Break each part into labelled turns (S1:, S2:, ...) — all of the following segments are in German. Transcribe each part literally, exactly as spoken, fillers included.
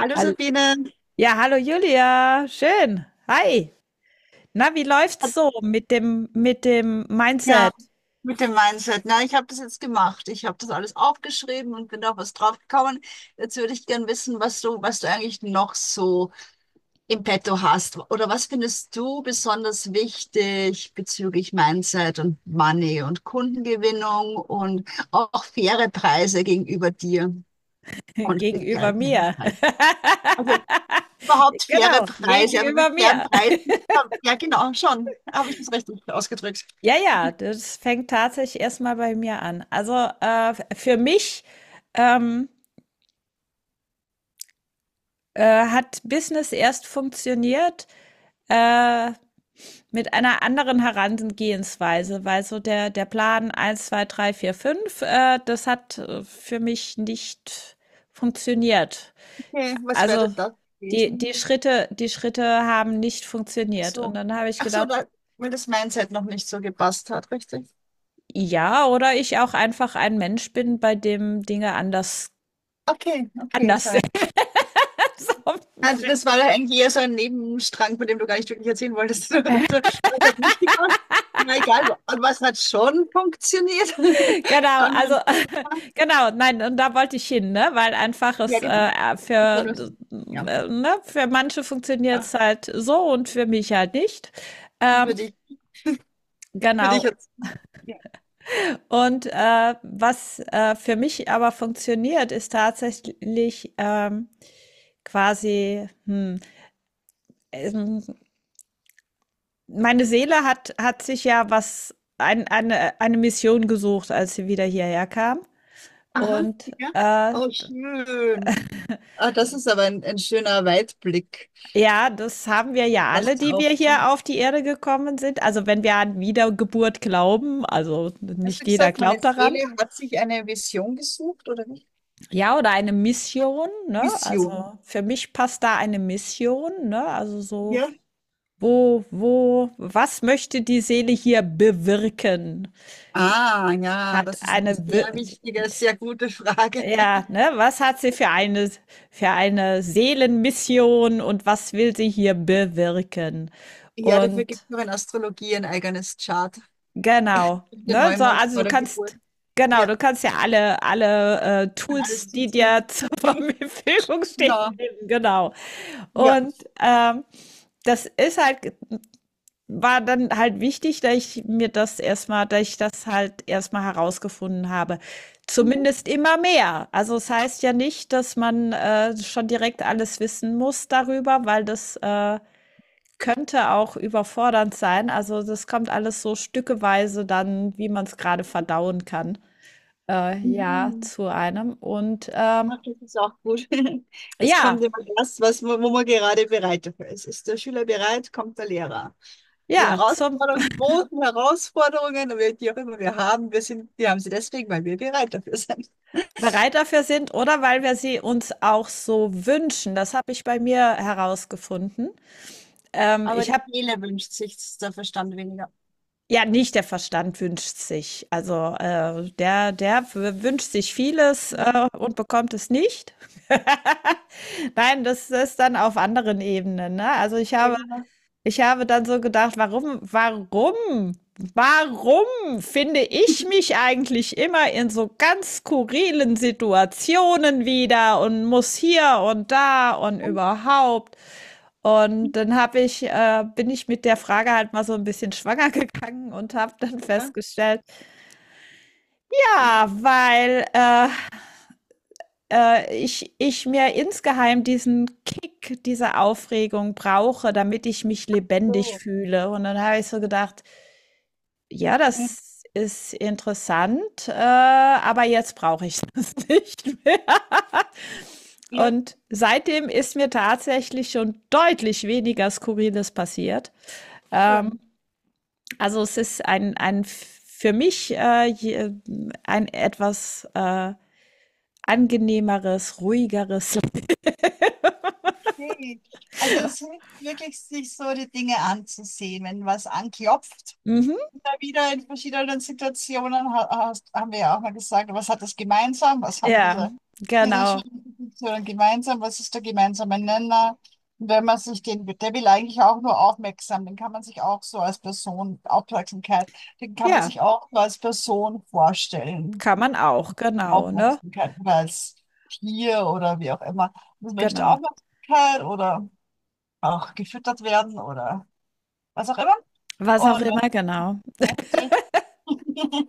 S1: Hallo
S2: Hall
S1: Sabine,
S2: Ja, hallo Julia, schön. Hi. Na, wie läuft's so mit dem mit dem
S1: ja,
S2: Mindset
S1: mit dem Mindset. Na, ich habe das jetzt gemacht. Ich habe das alles aufgeschrieben und bin auf was drauf gekommen. Jetzt würde ich gern wissen, was du, was du eigentlich noch so im Petto hast. Oder was findest du besonders wichtig bezüglich Mindset und Money und Kundengewinnung und auch faire Preise gegenüber dir und faire
S2: gegenüber mir?
S1: Preise. Also überhaupt faire
S2: Genau,
S1: Preise, aber mit
S2: gegenüber
S1: fairen
S2: mir.
S1: Preisen. Ja, genau, schon. Habe ich das richtig ausgedrückt?
S2: Ja, ja, das fängt tatsächlich erstmal bei mir an. Also äh, für mich ähm, äh, hat Business erst funktioniert, äh, mit einer anderen Herangehensweise, weil so der, der Plan eins zwei drei vier fünf äh, das hat äh, für mich nicht funktioniert.
S1: Okay, was wäre
S2: Also
S1: denn das
S2: die, die
S1: gewesen?
S2: Schritte, die Schritte haben nicht
S1: Ach
S2: funktioniert. Und
S1: so,
S2: dann habe ich
S1: ach so,
S2: gedacht,
S1: da, weil das Mindset noch nicht so gepasst hat, richtig?
S2: ja, oder ich auch einfach ein Mensch bin, bei dem Dinge anders,
S1: Okay, okay,
S2: anders
S1: sorry.
S2: sind. So,
S1: Also das war ja eigentlich eher so ein Nebenstrang, von dem du gar nicht wirklich erzählen wolltest. Das hat nicht gepasst. Ja, egal, wa- was hat schon funktioniert?
S2: Genau,
S1: Schauen wir
S2: also
S1: uns das an.
S2: genau, nein, und da wollte ich hin, ne? Weil einfach
S1: Ja,
S2: es
S1: genau.
S2: äh,
S1: Das war
S2: für,
S1: nur so. Ja,
S2: äh, ne? Für manche funktioniert
S1: ja.
S2: es halt so und für mich halt nicht.
S1: Und für
S2: Ähm,
S1: dich, für dich
S2: genau.
S1: jetzt. Ja.
S2: Und äh, was äh, für mich aber funktioniert, ist tatsächlich ähm, quasi, hm, ähm, meine Seele hat, hat sich ja was, ein, eine, eine Mission gesucht, als sie wieder hierher kam.
S1: Aha,
S2: Und
S1: ja.
S2: äh,
S1: Oh, schön. Ah, das ist aber ein, ein schöner Weitblick.
S2: Ja, das haben wir
S1: Das
S2: ja alle,
S1: passt ja
S2: die wir
S1: auch
S2: hier
S1: zum.
S2: auf die Erde gekommen sind. Also wenn wir an Wiedergeburt glauben, also
S1: Hast
S2: nicht
S1: du
S2: jeder
S1: gesagt, meine
S2: glaubt daran.
S1: Seele hat sich eine Vision gesucht oder nicht?
S2: Ja, oder eine Mission, ne?
S1: Vision.
S2: Also für mich passt da eine Mission, ne? Also so,
S1: Ja.
S2: wo, wo, was möchte die Seele hier bewirken?
S1: Ah,
S2: Sie
S1: ja,
S2: hat
S1: das ist eine
S2: eine, Wir-
S1: sehr wichtige, sehr gute Frage.
S2: ja, ne? Was hat sie für eine, für eine Seelenmission und was will sie hier bewirken?
S1: Ja, ja, dafür gibt
S2: Und
S1: es noch in Astrologie ein eigenes Chart.
S2: Genau,
S1: Der
S2: ne? So,
S1: Neumond
S2: also
S1: vor
S2: du
S1: der Geburt.
S2: kannst genau,
S1: Ja,
S2: du kannst ja alle alle, äh,
S1: kann alles
S2: Tools, die dir
S1: zuziehen.
S2: zur Verfügung stehen,
S1: Genau.
S2: nehmen, genau.
S1: Ja.
S2: Und, ähm, das ist halt war dann halt wichtig, dass ich mir das erstmal, dass ich das halt erstmal herausgefunden habe. Zumindest immer mehr. Also, es heißt ja nicht, dass man, äh, schon direkt alles wissen muss darüber, weil das, äh könnte auch überfordernd sein. Also, das kommt alles so stückeweise dann, wie man es gerade verdauen kann, äh, ja,
S1: Mhm.
S2: zu einem. Und, ähm,
S1: Ach, das ist auch gut. Es kommt
S2: ja,
S1: immer das, was, wo man gerade bereit dafür ist. Ist der Schüler bereit, kommt der Lehrer. Die
S2: ja, zum
S1: Herausforderungen, die großen Herausforderungen, oder die auch immer wir haben, wir sind, wir haben sie deswegen, weil wir bereit dafür sind.
S2: bereit dafür sind oder weil wir sie uns auch so wünschen. Das habe ich bei mir herausgefunden. Ähm,
S1: Aber
S2: ich
S1: die
S2: habe
S1: Seele wünscht sich, der Verstand weniger.
S2: ja, nicht der Verstand wünscht sich. Also, äh, der der w wünscht sich vieles,
S1: Ja,
S2: äh, und bekommt es nicht. Nein, das ist dann auf anderen Ebenen, ne? Also, ich
S1: sehr
S2: habe
S1: gemacht.
S2: Ich habe dann so gedacht, warum, warum, warum finde ich mich eigentlich immer in so ganz skurrilen Situationen wieder und muss hier und da und überhaupt? Und dann habe ich, äh, bin ich mit der Frage halt mal so ein bisschen schwanger gegangen und habe dann
S1: Ja,
S2: festgestellt, ja, weil, äh, äh, ich ich mir insgeheim diesen Kick, diese Aufregung brauche, damit ich mich lebendig
S1: so.
S2: fühle. Und dann habe ich so gedacht: Ja, das ist interessant, äh, aber jetzt brauche ich das nicht mehr.
S1: Ja,
S2: Und seitdem ist mir tatsächlich schon deutlich weniger Skurriles passiert. Ähm,
S1: schön.
S2: also es ist ein, ein für mich äh, je- ein etwas äh, angenehmeres, ruhigeres.
S1: Okay. Also es hilft wirklich, sich so die Dinge anzusehen, wenn was anklopft.
S2: Mhm.
S1: Immer wieder in verschiedenen Situationen ha- hast, haben wir ja auch mal gesagt, was hat das gemeinsam? Was haben
S2: Ja,
S1: diese, diese
S2: genau.
S1: Situationen gemeinsam? Was ist der gemeinsame Nenner? Und wenn man sich den, der will eigentlich auch nur aufmerksam, den kann man sich auch so als Person, Aufmerksamkeit, den kann man
S2: Ja,
S1: sich auch nur als Person vorstellen.
S2: kann man auch, genau, ne?
S1: Aufmerksamkeit oder als Tier oder wie auch immer. Das möchte
S2: Genau.
S1: Aufmerksamkeit oder auch gefüttert werden oder was auch immer.
S2: Was auch
S1: Und wenn
S2: immer, genau.
S1: man möchte,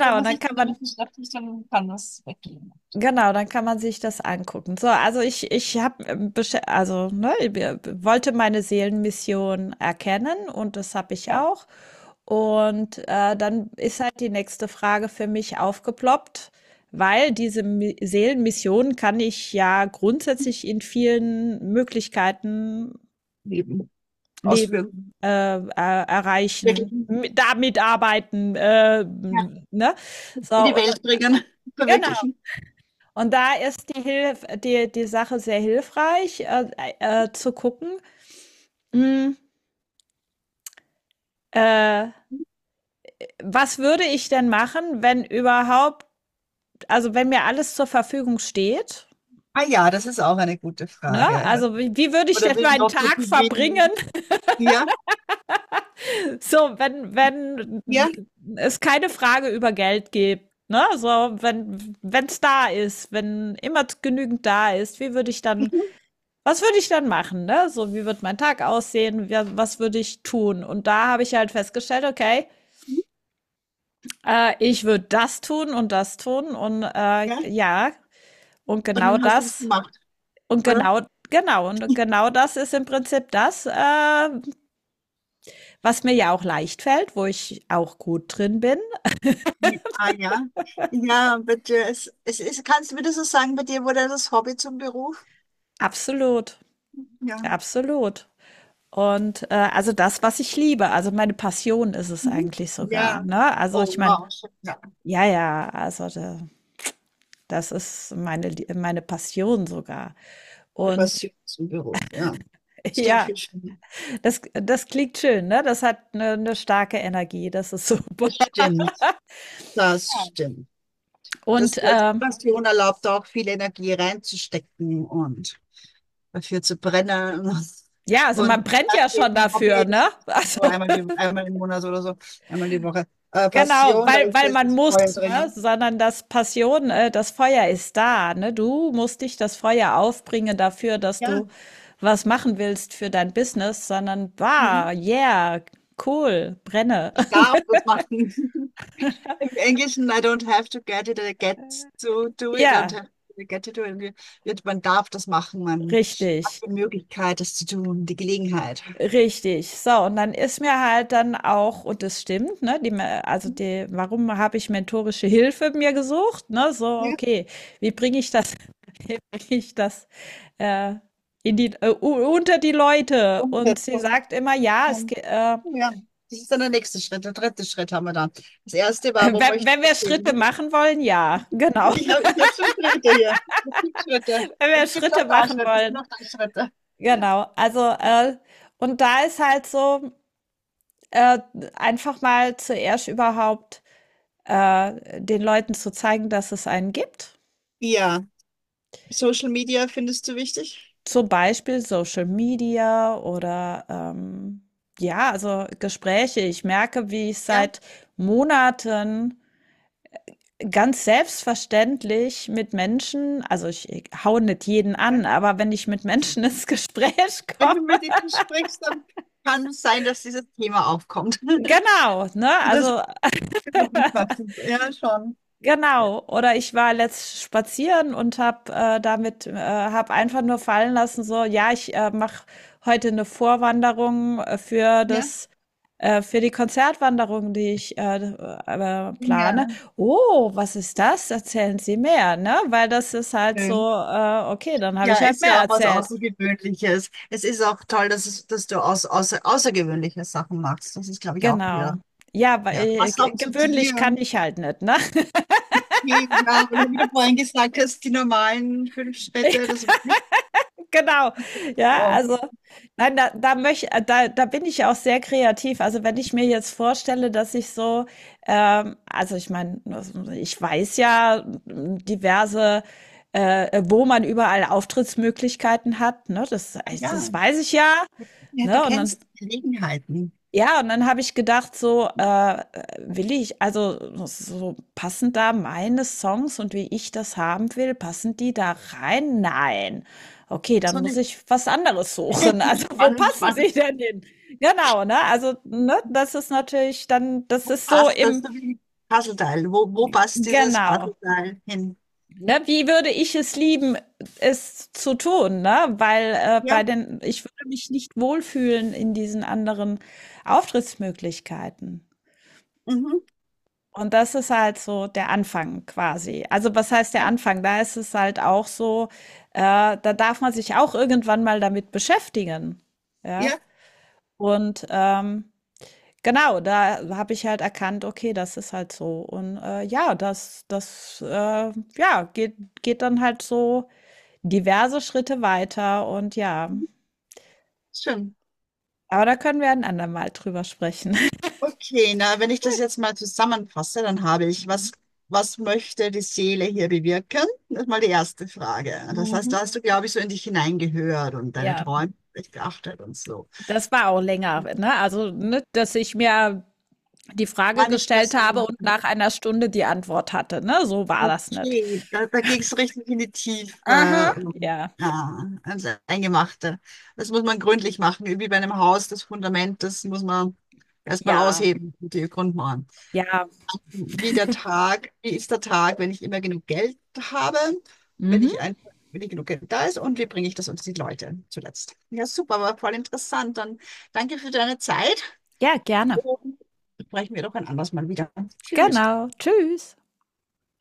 S1: und
S2: und
S1: was
S2: dann
S1: ich
S2: kann
S1: dann
S2: man
S1: damit beschäftigt, dann kann das weggehen.
S2: Genau, dann kann man sich das angucken. So, also ich, ich habe, also ne, wir- wollte meine Seelenmission erkennen, und das habe ich
S1: Ja.
S2: auch. Und äh, dann ist halt die nächste Frage für mich aufgeploppt, weil diese Mi Seelenmission kann ich ja grundsätzlich in vielen Möglichkeiten
S1: Leben ausführen.
S2: leben, äh, er- erreichen,
S1: Wirklichen.
S2: mit- damit arbeiten, äh,
S1: Ja.
S2: ne?
S1: In
S2: So,
S1: die
S2: und,
S1: Welt bringen,
S2: genau.
S1: verwirklichen.
S2: Und da ist die Hilf die die Sache sehr hilfreich, äh, äh, zu gucken, hm, äh, was würde ich denn machen, wenn überhaupt, also wenn mir alles zur Verfügung steht,
S1: Ah ja, das ist auch eine gute
S2: ne?
S1: Frage.
S2: Also wie, wie würde ich
S1: Oder
S2: denn
S1: wenn
S2: meinen
S1: Lotto
S2: Tag verbringen,
S1: gewinnen. Ja,
S2: so wenn wenn
S1: ja.
S2: es keine Frage über Geld gibt, ne? So wenn wenn es da ist, wenn immer genügend da ist, wie würde ich dann Was würde ich dann machen, ne? So, wie wird mein Tag aussehen? Wa- Was würde ich tun? Und da habe ich halt festgestellt, okay, äh, ich würde das tun und das tun und äh,
S1: Ja.
S2: ja, und
S1: Und
S2: genau
S1: dann hast du das
S2: das
S1: gemacht,
S2: und
S1: oder?
S2: genau, genau, und genau das ist im Prinzip das, äh, was mir ja auch leicht fällt, wo ich auch gut drin bin.
S1: Ja, ah ja. Ja, bitte. Es, es, es, kannst du mir so sagen, bei dir wurde das Hobby zum Beruf?
S2: Absolut,
S1: Ja.
S2: absolut. Und äh, also das, was ich liebe, also meine Passion ist es
S1: Mhm.
S2: eigentlich sogar,
S1: Ja.
S2: ne? Also
S1: Oh
S2: ich meine,
S1: wow. Schön. Ja.
S2: ja, ja, also da, das ist meine, Lie- meine Passion sogar.
S1: Die
S2: Und
S1: Passion zum Beruf, ja. Das klingt
S2: ja,
S1: viel schöner.
S2: das, das klingt schön, ne? Das hat eine, eine starke Energie, das ist super.
S1: Das stimmt. Das stimmt. Das,
S2: Und
S1: das
S2: ähm,
S1: Passion erlaubt auch viel Energie reinzustecken und dafür zu brennen.
S2: ja, also
S1: Und
S2: man brennt ja schon
S1: ein
S2: dafür,
S1: Hobby
S2: ne?
S1: ist
S2: Also
S1: so einmal, die, einmal im Monat oder so, einmal die Woche. Äh,
S2: genau,
S1: Passion, da
S2: weil, weil,
S1: ist
S2: man
S1: das
S2: muss,
S1: Feuer
S2: ne?
S1: drinnen.
S2: Sondern das Passion, äh, das Feuer ist da, ne? Du musst dich das Feuer aufbringen dafür, dass
S1: Ja,
S2: du was machen willst für dein Business, sondern,
S1: mhm.
S2: wow, yeah, cool, brenne.
S1: Ich darf das machen. Im Englischen, I don't have to get it, I get to do it, I don't
S2: Ja,
S1: have to get to do it. Wird- Man darf das machen, man hat
S2: richtig.
S1: die Möglichkeit, das zu tun, die Gelegenheit.
S2: Richtig. So, und dann ist mir halt dann auch und das stimmt, ne, die, Me- also
S1: Mhm.
S2: die, warum habe ich mentorische Hilfe mir gesucht, ne? So,
S1: Ja,
S2: okay, wie bringe ich das, wie bringe ich das äh, in die, äh, u- unter die Leute? Und sie
S1: Umsetzung.
S2: sagt immer, ja,
S1: Ja,
S2: es, ge- äh,
S1: ja, das ist dann der nächste Schritt, der dritte Schritt haben wir dann. Das erste war, wo
S2: wenn,
S1: möchte
S2: wenn wir
S1: ich
S2: Schritte
S1: hin?
S2: machen wollen, ja, genau.
S1: Ich habe, ich hab schon Schritte hier. Es gibt Schritte.
S2: Wenn wir
S1: Es gibt
S2: Schritte
S1: auch da
S2: machen
S1: Schritte. Es sind
S2: wollen,
S1: auch da Schritte.
S2: genau. Also, äh, und da ist halt so, äh, einfach mal zuerst überhaupt äh, den Leuten zu zeigen, dass es einen gibt.
S1: Ja, Social Media findest du wichtig?
S2: Zum Beispiel Social Media oder ähm, ja, also Gespräche. Ich merke, wie ich
S1: Ja.
S2: seit Monaten ganz selbstverständlich mit Menschen, also ich ich hau nicht jeden
S1: Ja.
S2: an, aber wenn ich mit Menschen ins Gespräch
S1: Wenn
S2: komme,
S1: du mit ihnen sprichst, dann kann es sein, dass dieses Thema aufkommt.
S2: genau, ne,
S1: Das
S2: also
S1: ist noch nicht passend. Ja, schon.
S2: Genau, oder ich war letzt spazieren und habe äh, damit äh, habe einfach nur fallen lassen, so, ja, ich äh, mache heute eine Vorwanderung äh, für
S1: Ja.
S2: das äh, für die Konzertwanderung, die ich äh, äh, plane.
S1: Ja,
S2: Oh, was ist das? Erzählen Sie mehr, ne? Weil das ist halt so,
S1: schön.
S2: äh, okay, dann habe
S1: Ja,
S2: ich halt
S1: ist
S2: mehr
S1: ja auch was
S2: erzählt.
S1: Außergewöhnliches. Es ist auch toll, dass, es, dass du aus, außer, außergewöhnliche Sachen machst. Das ist, glaube ich, auch
S2: Genau.
S1: wieder,
S2: Ja, weil
S1: ja.
S2: äh,
S1: Passt
S2: ge-
S1: auch zu
S2: gewöhnlich
S1: dir.
S2: kann ich halt nicht, ne?
S1: Okay, ja, oder wie du vorhin gesagt hast, die normalen fünf Städte, das war nicht
S2: Genau. Ja,
S1: so.
S2: also, nein, da da möch äh, da da bin ich auch sehr kreativ. Also, wenn ich mir jetzt vorstelle, dass ich so, ähm also, ich meine, ich weiß ja, hm, diverse äh, wo man überall Auftrittsmöglichkeiten hat, ne? Das
S1: Ja,
S2: das weiß ich ja,
S1: ja, du
S2: ne? Und dann
S1: kennst Gelegenheiten.
S2: ja, und dann habe ich gedacht so, äh, äh, will ich also, so passen da meine Songs und wie ich das haben will, passen die da rein? Nein. Okay,
S1: So
S2: dann muss
S1: eine
S2: ich was anderes suchen. Also, wo
S1: spannend,
S2: passen
S1: spannend.
S2: sie denn hin? Genau, ne? Also, ne, das ist natürlich dann, das ist so
S1: Passt das
S2: im,
S1: so wie Puzzleteil? Wo, wo passt dieses
S2: genau.
S1: Puzzleteil hin?
S2: Ne, wie würde ich es lieben, es zu tun, ne? Weil äh, bei
S1: Ja,
S2: den, ich würde mich nicht wohlfühlen in diesen anderen Auftrittsmöglichkeiten.
S1: mhm.
S2: Und das ist halt so der Anfang quasi. Also, was heißt der
S1: Ja,
S2: Anfang? Da ist es halt auch so, äh, da darf man sich auch irgendwann mal damit beschäftigen. Ja.
S1: ja,
S2: Und ähm, genau, da habe ich halt erkannt, okay, das ist halt so. Und äh, ja, das, das äh, ja, geht, geht dann halt so diverse Schritte weiter. Und ja,
S1: schön.
S2: aber da können wir ein andermal drüber sprechen.
S1: Okay, na, wenn ich das jetzt mal zusammenfasse, dann habe ich,
S2: Mhm.
S1: was, was möchte die Seele hier bewirken? Das ist mal die erste Frage. Das heißt,
S2: Mhm.
S1: da hast du, glaube ich, so in dich hineingehört und deine
S2: Ja,
S1: Träume echt beachtet und so.
S2: das war auch länger, ne? Also, ne, dass ich mir die Frage
S1: War nicht mehr
S2: gestellt
S1: so.
S2: habe
S1: nach-
S2: und nach einer Stunde die Antwort hatte. Ne? So war das nicht.
S1: Okay, da, da ging es richtig in die
S2: Aha,
S1: Tiefe.
S2: ja,
S1: Ja, also Eingemachte. Das muss man gründlich machen, wie bei einem Haus, das Fundament, das muss man erstmal
S2: ja,
S1: ausheben, die Grundmauern.
S2: ja.
S1: Wie der Tag, wie ist der Tag, wenn ich immer genug Geld habe, wenn
S2: Mhm.
S1: ich einfach, wenn ich genug Geld da ist und wie bringe ich das unter die Leute zuletzt. Ja, super, war voll interessant. Dann danke für deine Zeit
S2: Ja, gerne.
S1: und sprechen wir doch ein anderes Mal wieder. Tschüss.
S2: Genau. Tschüss.